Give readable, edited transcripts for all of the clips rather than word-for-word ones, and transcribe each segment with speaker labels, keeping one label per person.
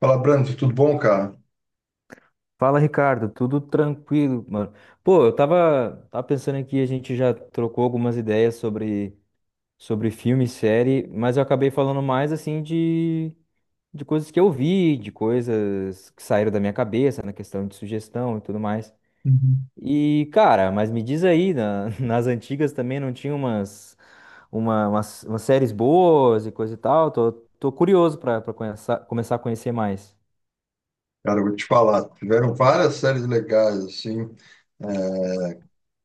Speaker 1: Fala, Brando, tudo bom, cara?
Speaker 2: Fala, Ricardo, tudo tranquilo, mano. Pô, eu tava pensando aqui, a gente já trocou algumas ideias sobre filme, e série, mas eu acabei falando mais assim de coisas que eu vi, de coisas que saíram da minha cabeça na questão de sugestão e tudo mais.
Speaker 1: Uhum.
Speaker 2: E, cara, mas me diz aí, nas antigas também não tinha umas séries boas e coisa e tal? Tô curioso pra conhecer, começar a conhecer mais.
Speaker 1: Cara, eu vou te falar, tiveram várias séries legais, assim, é,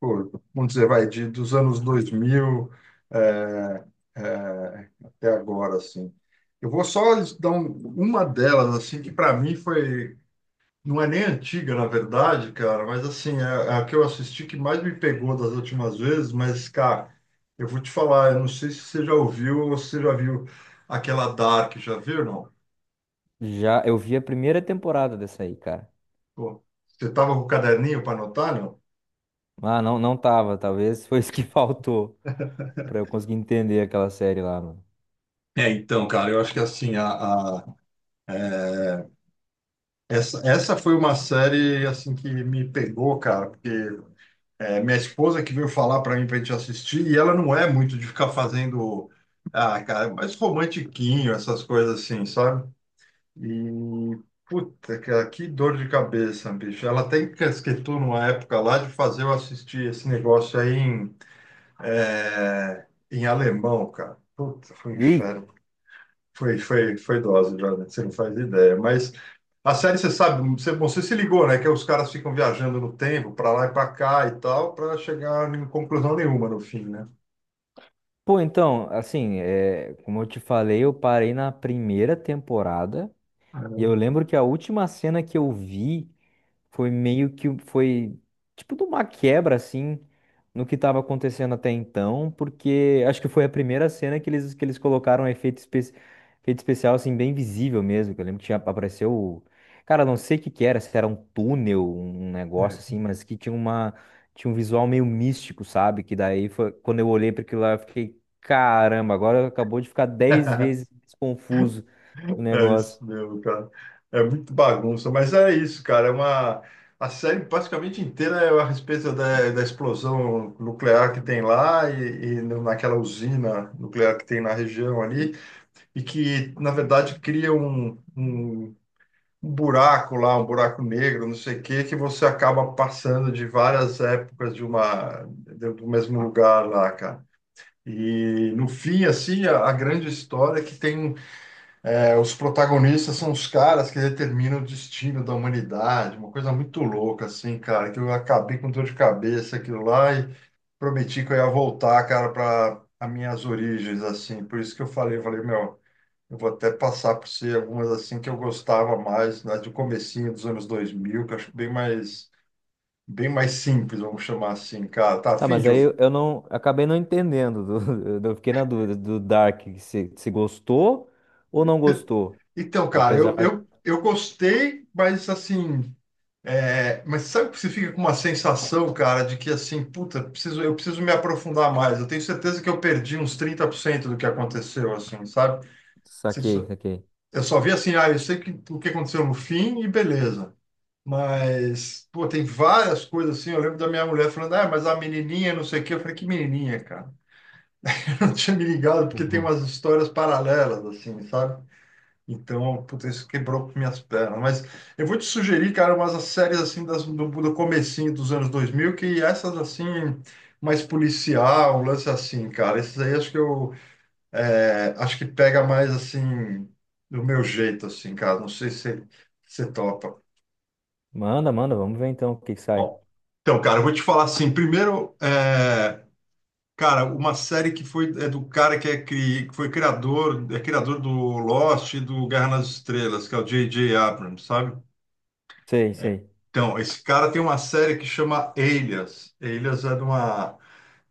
Speaker 1: pô, vamos dizer, vai, dos anos 2000 é, até agora, assim. Eu vou só uma delas, assim, que para mim foi, não é nem antiga, na verdade, cara, mas, assim, é a que eu assisti que mais me pegou das últimas vezes, mas, cara, eu vou te falar, eu não sei se você já ouviu ou se você já viu aquela Dark, já viu, não?
Speaker 2: Já eu vi a primeira temporada dessa aí, cara.
Speaker 1: Pô, você estava com o caderninho para anotar, não?
Speaker 2: Ah, não tava. Talvez foi isso que faltou pra eu conseguir entender aquela série lá, mano.
Speaker 1: É, então, cara, eu acho que assim, a- é, essa foi uma série assim que me pegou, cara, porque minha esposa que veio falar para mim para gente assistir, e ela não é muito de ficar fazendo, ah, cara, é mais romantiquinho, essas coisas assim, sabe? E, puta, cara, que dor de cabeça, bicho. Ela até encasquetou numa época lá de fazer eu assistir esse negócio aí em alemão, cara. Puta, foi um
Speaker 2: E,
Speaker 1: inferno. Foi dose, Jordan, você não faz ideia. Mas a série, você sabe, você, bom, você se ligou, né? Que os caras ficam viajando no tempo, para lá e para cá e tal, para chegar em conclusão nenhuma no fim, né?
Speaker 2: Pô, então, assim, é, como eu te falei, eu parei na primeira temporada e eu lembro que a última cena que eu vi. Foi meio que foi tipo de uma quebra assim no que estava acontecendo até então, porque acho que foi a primeira cena que eles colocaram um efeito especial assim bem visível mesmo, que eu lembro que tinha apareceu, cara, não sei o que que era, se era um túnel, um
Speaker 1: É,
Speaker 2: negócio
Speaker 1: É
Speaker 2: assim, mas que tinha uma tinha um visual meio místico, sabe? Que daí foi quando eu olhei para aquilo lá, eu fiquei, caramba, agora acabou de ficar 10 vezes mais confuso o
Speaker 1: É
Speaker 2: negócio.
Speaker 1: isso mesmo, cara. É muito bagunça, mas é isso, cara. É uma A série basicamente inteira é a respeito da explosão nuclear que tem lá naquela usina nuclear que tem na região ali e que na verdade cria um buraco lá, um buraco negro, não sei o quê, que você acaba passando de várias épocas de do mesmo lugar lá, cara. E no fim, assim, a grande história é que os protagonistas são os caras que determinam o destino da humanidade, uma coisa muito louca, assim, cara, que eu acabei com dor de cabeça aquilo lá e prometi que eu ia voltar, cara, para as minhas origens, assim. Por isso que eu falei, meu. Eu vou até passar por si algumas assim que eu gostava mais, né, do comecinho dos anos 2000 que eu acho bem mais simples, vamos chamar assim, cara. Tá
Speaker 2: Ah,
Speaker 1: afim
Speaker 2: mas
Speaker 1: de
Speaker 2: aí eu
Speaker 1: ouvir?
Speaker 2: eu não acabei não entendendo. Eu fiquei na dúvida do Dark se gostou ou não gostou.
Speaker 1: Então, cara,
Speaker 2: Apesar.
Speaker 1: eu gostei, mas assim, mas sabe que você fica com uma sensação, cara, de que assim, puta, eu preciso me aprofundar mais. Eu tenho certeza que eu perdi uns 30% do que aconteceu, assim, sabe? Você
Speaker 2: Saquei,
Speaker 1: só-
Speaker 2: saquei.
Speaker 1: Eu só vi assim, ah, eu sei que, o que aconteceu no fim e beleza. Mas, pô, tem várias coisas assim. Eu lembro da minha mulher falando, ah, mas a menininha, não sei o quê. Eu falei, que menininha, cara? Eu não tinha me ligado, porque tem
Speaker 2: Uhum.
Speaker 1: umas histórias paralelas, assim, sabe? Então, puta, isso quebrou minhas pernas. Mas eu vou te sugerir, cara, umas séries assim do comecinho dos anos 2000 que essas assim, mais policial, um lance assim, cara. Esses aí acho que eu acho que pega mais assim, do meu jeito, assim, cara. Não sei se você topa.
Speaker 2: Manda, manda, vamos ver então o que que sai.
Speaker 1: Ó, então, cara, eu vou te falar assim. Primeiro, cara, uma série que é criador do Lost e do Guerra nas Estrelas, que é o J J Abrams, sabe?
Speaker 2: Sei, sei.
Speaker 1: Então, esse cara tem uma série que chama Alias. Alias é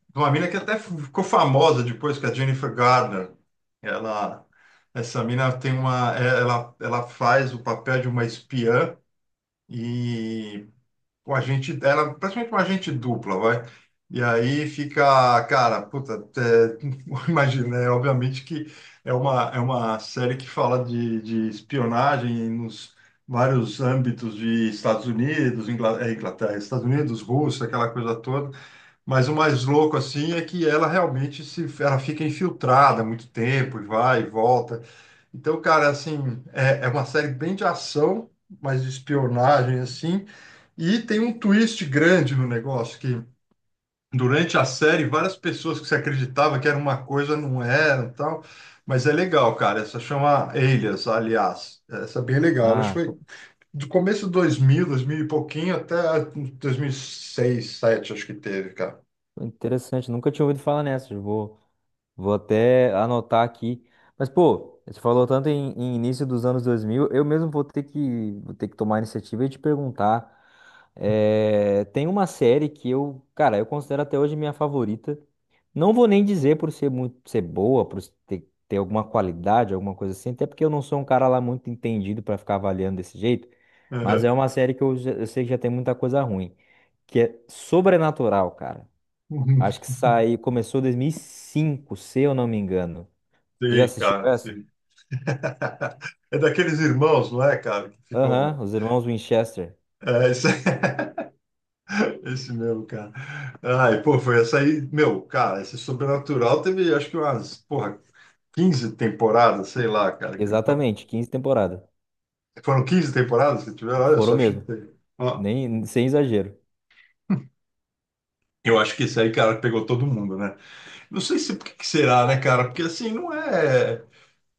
Speaker 1: de uma mina que até ficou famosa depois, que é a Jennifer Garner. Ela, essa mina tem ela faz o papel de uma espiã. E um agente, ela é praticamente uma agente dupla, vai. E aí fica, cara, puta, imagina, obviamente que é uma série que fala de espionagem nos vários âmbitos de Estados Unidos, Inglaterra, Estados Unidos, Rússia, aquela coisa toda. Mas o mais louco, assim, é que ela realmente se, ela fica infiltrada há muito tempo, e vai e volta. Então, cara, assim, é uma série bem de ação, mas de espionagem, assim, e tem um twist grande no negócio, que durante a série, várias pessoas que você acreditava que era uma coisa, não era, e tal, mas é legal, cara, essa chama Elias, aliás, essa é bem legal, ela
Speaker 2: Ah,
Speaker 1: foi
Speaker 2: pô,
Speaker 1: do começo de 2000, 2000 e pouquinho, até 2006, 2007, acho que teve, cara.
Speaker 2: interessante. Nunca tinha ouvido falar nessa. Vou até anotar aqui. Mas, pô, você falou tanto em início dos anos 2000, eu mesmo vou ter que tomar a iniciativa e te perguntar. É, tem uma série que eu, cara, eu considero até hoje minha favorita. Não vou nem dizer por ser boa, por ter alguma qualidade, alguma coisa assim, até porque eu não sou um cara lá muito entendido pra ficar avaliando desse jeito. Mas é
Speaker 1: Uhum.
Speaker 2: uma série que eu sei que já tem muita coisa ruim, que é Sobrenatural, cara.
Speaker 1: Uhum.
Speaker 2: Acho que saiu, começou em 2005, se eu não me engano. Você já
Speaker 1: Sei,
Speaker 2: assistiu
Speaker 1: cara,
Speaker 2: essa?
Speaker 1: sim. É daqueles irmãos, não é, cara, que ficam...
Speaker 2: Aham, Os Irmãos Winchester.
Speaker 1: É, esse, esse meu, cara. Ai, pô, foi essa aí. Meu, cara, esse Sobrenatural teve acho que umas, porra, 15 temporadas, sei lá, cara. Que
Speaker 2: Exatamente, 15 temporadas.
Speaker 1: Foram 15 temporadas que tiveram? Olha
Speaker 2: Foram
Speaker 1: só,
Speaker 2: mesmo,
Speaker 1: chutei. Ó,
Speaker 2: nem sem exagero.
Speaker 1: eu acho que esse aí, cara, pegou todo mundo, né? Não sei se por que que será, né, cara? Porque assim, não é.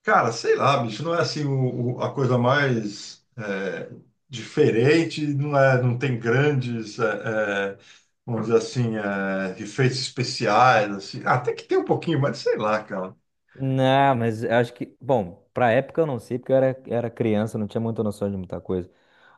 Speaker 1: Cara, sei lá, bicho, não é assim a coisa mais diferente, não é, não tem grandes, vamos dizer assim, efeitos especiais, assim. Ah, até que tem um pouquinho, mas sei lá, cara.
Speaker 2: Não, mas acho que, bom, pra época eu não sei, porque era criança, não tinha muita noção de muita coisa.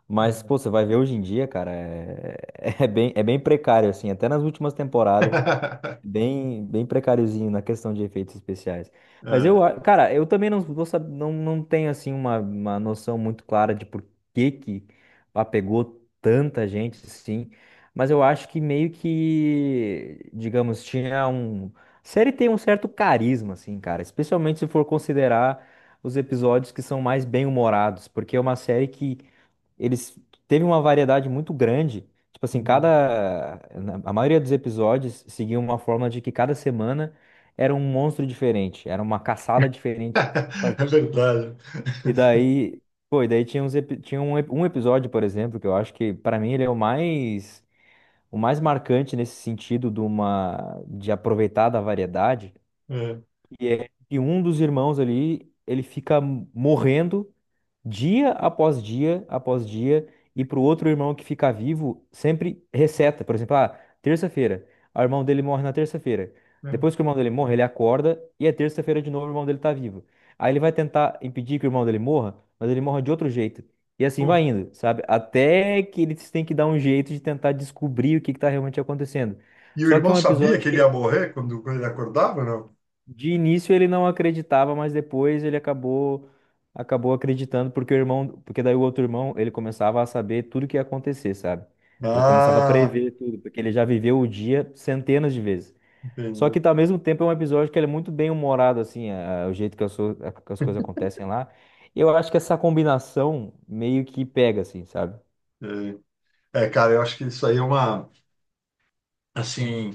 Speaker 2: Mas, pô, você vai ver hoje em dia, cara, é, é bem precário, assim, até nas últimas temporadas. Bem precáriozinho na questão de efeitos especiais. Mas
Speaker 1: É,
Speaker 2: cara, eu também não vou saber, não, não tenho assim uma noção muito clara de por que que apegou tanta gente assim, mas eu acho que meio que, digamos, a série tem um certo carisma assim, cara, especialmente se for considerar os episódios que são mais bem-humorados, porque é uma série que eles teve uma variedade muito grande. Tipo assim,
Speaker 1: uhum.
Speaker 2: a maioria dos episódios seguia uma forma de que cada semana era um monstro diferente, era uma caçada diferente que tinha que fazer.
Speaker 1: É verdade.
Speaker 2: E daí, pô, e daí tinha um episódio, por exemplo, que eu acho que pra mim ele é o mais marcante nesse sentido de uma de aproveitar da variedade,
Speaker 1: É,
Speaker 2: e é que um dos irmãos ali, ele fica morrendo dia após dia após dia, e pro outro irmão que ficar vivo, sempre receta. Por exemplo, ah, terça-feira, ah, o irmão dele morre na terça-feira.
Speaker 1: é.
Speaker 2: Depois que o irmão dele morre, ele acorda e é terça-feira de novo, o irmão dele tá vivo. Aí ele vai tentar impedir que o irmão dele morra, mas ele morre de outro jeito. E assim
Speaker 1: Pô,
Speaker 2: vai indo, sabe? Até que eles têm que dar um jeito de tentar descobrir o que que tá realmente acontecendo.
Speaker 1: e o
Speaker 2: Só que
Speaker 1: irmão
Speaker 2: é um
Speaker 1: sabia
Speaker 2: episódio
Speaker 1: que ele ia
Speaker 2: que
Speaker 1: morrer quando ele acordava, ou não?
Speaker 2: de início ele não acreditava, mas depois ele acabou acreditando porque daí o outro irmão, ele começava a saber tudo que ia acontecer, sabe? Ele começava a
Speaker 1: Ah,
Speaker 2: prever tudo, porque ele já viveu o dia centenas de vezes. Só que
Speaker 1: entendi.
Speaker 2: tá ao mesmo tempo é um episódio que ele é muito bem humorado assim, o jeito que que as coisas acontecem lá. Eu acho que essa combinação meio que pega assim, sabe?
Speaker 1: É, É, cara, eu acho que isso aí é uma. Assim,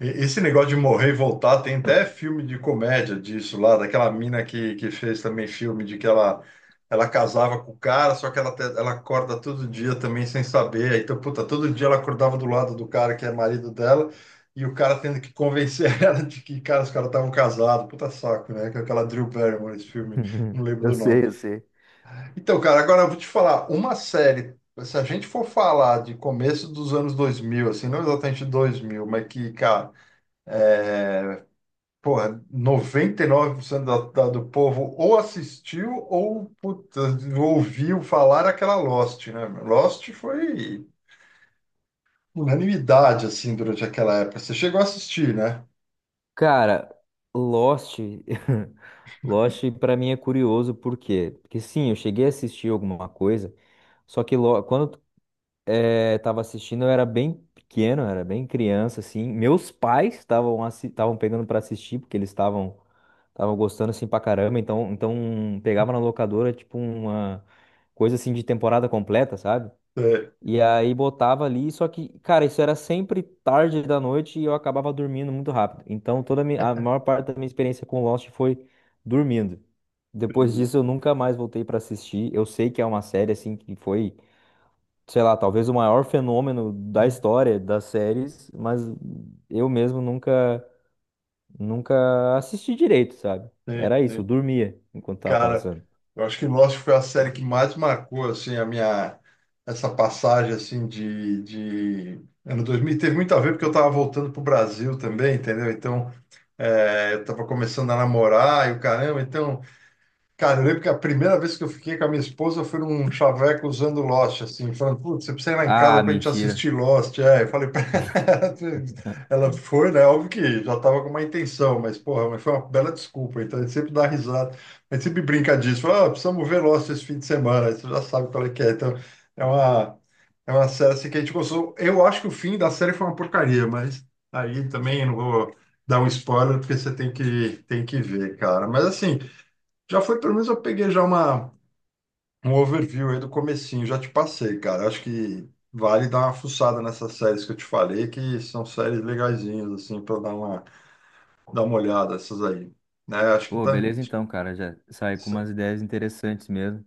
Speaker 1: esse negócio de morrer e voltar, tem até filme de comédia disso lá, daquela mina que fez também filme de que ela casava com o cara, só que ela acorda todo dia também sem saber. Então, puta, todo dia ela acordava do lado do cara que é marido dela e o cara tendo que convencer ela de que, cara, os caras estavam casados. Puta saco, né? Que é aquela Drew Barrymore, esse filme, não lembro
Speaker 2: Eu
Speaker 1: do nome.
Speaker 2: sei, eu sei.
Speaker 1: Então, cara, agora eu vou te falar, uma série, se a gente for falar de começo dos anos 2000, assim, não exatamente 2000, mas que, cara, porra, 99% do povo ou assistiu ou puta, ouviu falar aquela Lost, né? Lost foi unanimidade, assim, durante aquela época. Você chegou a assistir, né?
Speaker 2: Cara, Lost, Lost pra mim é curioso por quê? Porque sim, eu cheguei a assistir alguma coisa, só que tava assistindo eu era bem pequeno, eu era bem criança assim. Meus pais estavam pegando pra assistir porque eles estavam gostando assim pra caramba, então pegava na locadora tipo uma coisa assim de temporada completa, sabe?
Speaker 1: É,
Speaker 2: E aí botava ali, só que, cara, isso era sempre tarde da noite e eu acabava dormindo muito rápido. Então, a maior parte da minha experiência com Lost foi dormindo. Depois
Speaker 1: sim,
Speaker 2: disso, eu nunca mais voltei pra assistir. Eu sei que é uma série, assim, que foi, sei lá, talvez o maior fenômeno da história das séries, mas eu mesmo nunca assisti direito, sabe?
Speaker 1: sim,
Speaker 2: Era isso, eu
Speaker 1: sim.
Speaker 2: dormia enquanto tava
Speaker 1: Cara,
Speaker 2: passando.
Speaker 1: eu acho que Lost foi a série que mais marcou assim a minha essa passagem assim de ano 2000. Teve muito a ver porque eu estava voltando pro Brasil também, entendeu? Então, eu estava começando a namorar e o caramba, então... Cara, eu lembro que a primeira vez que eu fiquei com a minha esposa foi num chaveco usando Lost, assim, falando, putz, você precisa ir lá em casa
Speaker 2: Ah,
Speaker 1: pra gente
Speaker 2: mentira.
Speaker 1: assistir Lost. É, eu falei pra ela, ela foi, né? Óbvio que já tava com uma intenção, mas, porra, mas foi uma bela desculpa, então a gente sempre dá risada, a gente sempre brinca disso, fala, ah, precisamos ver Lost esse fim de semana, aí você já sabe qual é que é, então é uma, é uma série assim, que a gente gostou. Eu acho que o fim da série foi uma porcaria, mas aí também eu não vou dar um spoiler, porque você tem que, ver, cara, mas assim. Já foi, pelo menos eu peguei já um overview aí do comecinho, já te passei, cara. Acho que vale dar uma fuçada nessas séries que eu te falei, que são séries legazinhas, assim, para dar uma olhada, essas aí. Né? Acho que
Speaker 2: Pô,
Speaker 1: tá.
Speaker 2: beleza
Speaker 1: Acho que
Speaker 2: então, cara. Já saí
Speaker 1: tá
Speaker 2: com
Speaker 1: certo.
Speaker 2: umas ideias interessantes mesmo.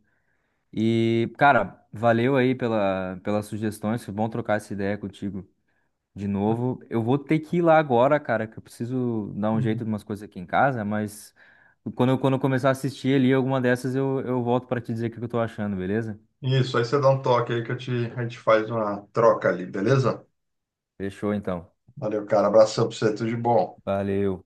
Speaker 2: E, cara, valeu aí pelas sugestões. Foi bom trocar essa ideia contigo de novo. Eu vou ter que ir lá agora, cara, que eu preciso dar um
Speaker 1: Uhum.
Speaker 2: jeito de umas coisas aqui em casa, mas quando eu começar a assistir ali alguma dessas, eu volto pra te dizer o que que eu tô achando, beleza?
Speaker 1: Isso, aí você dá um toque aí a gente faz uma troca ali, beleza?
Speaker 2: Fechou então.
Speaker 1: Valeu, cara. Abração pra você, tudo de bom.
Speaker 2: Valeu.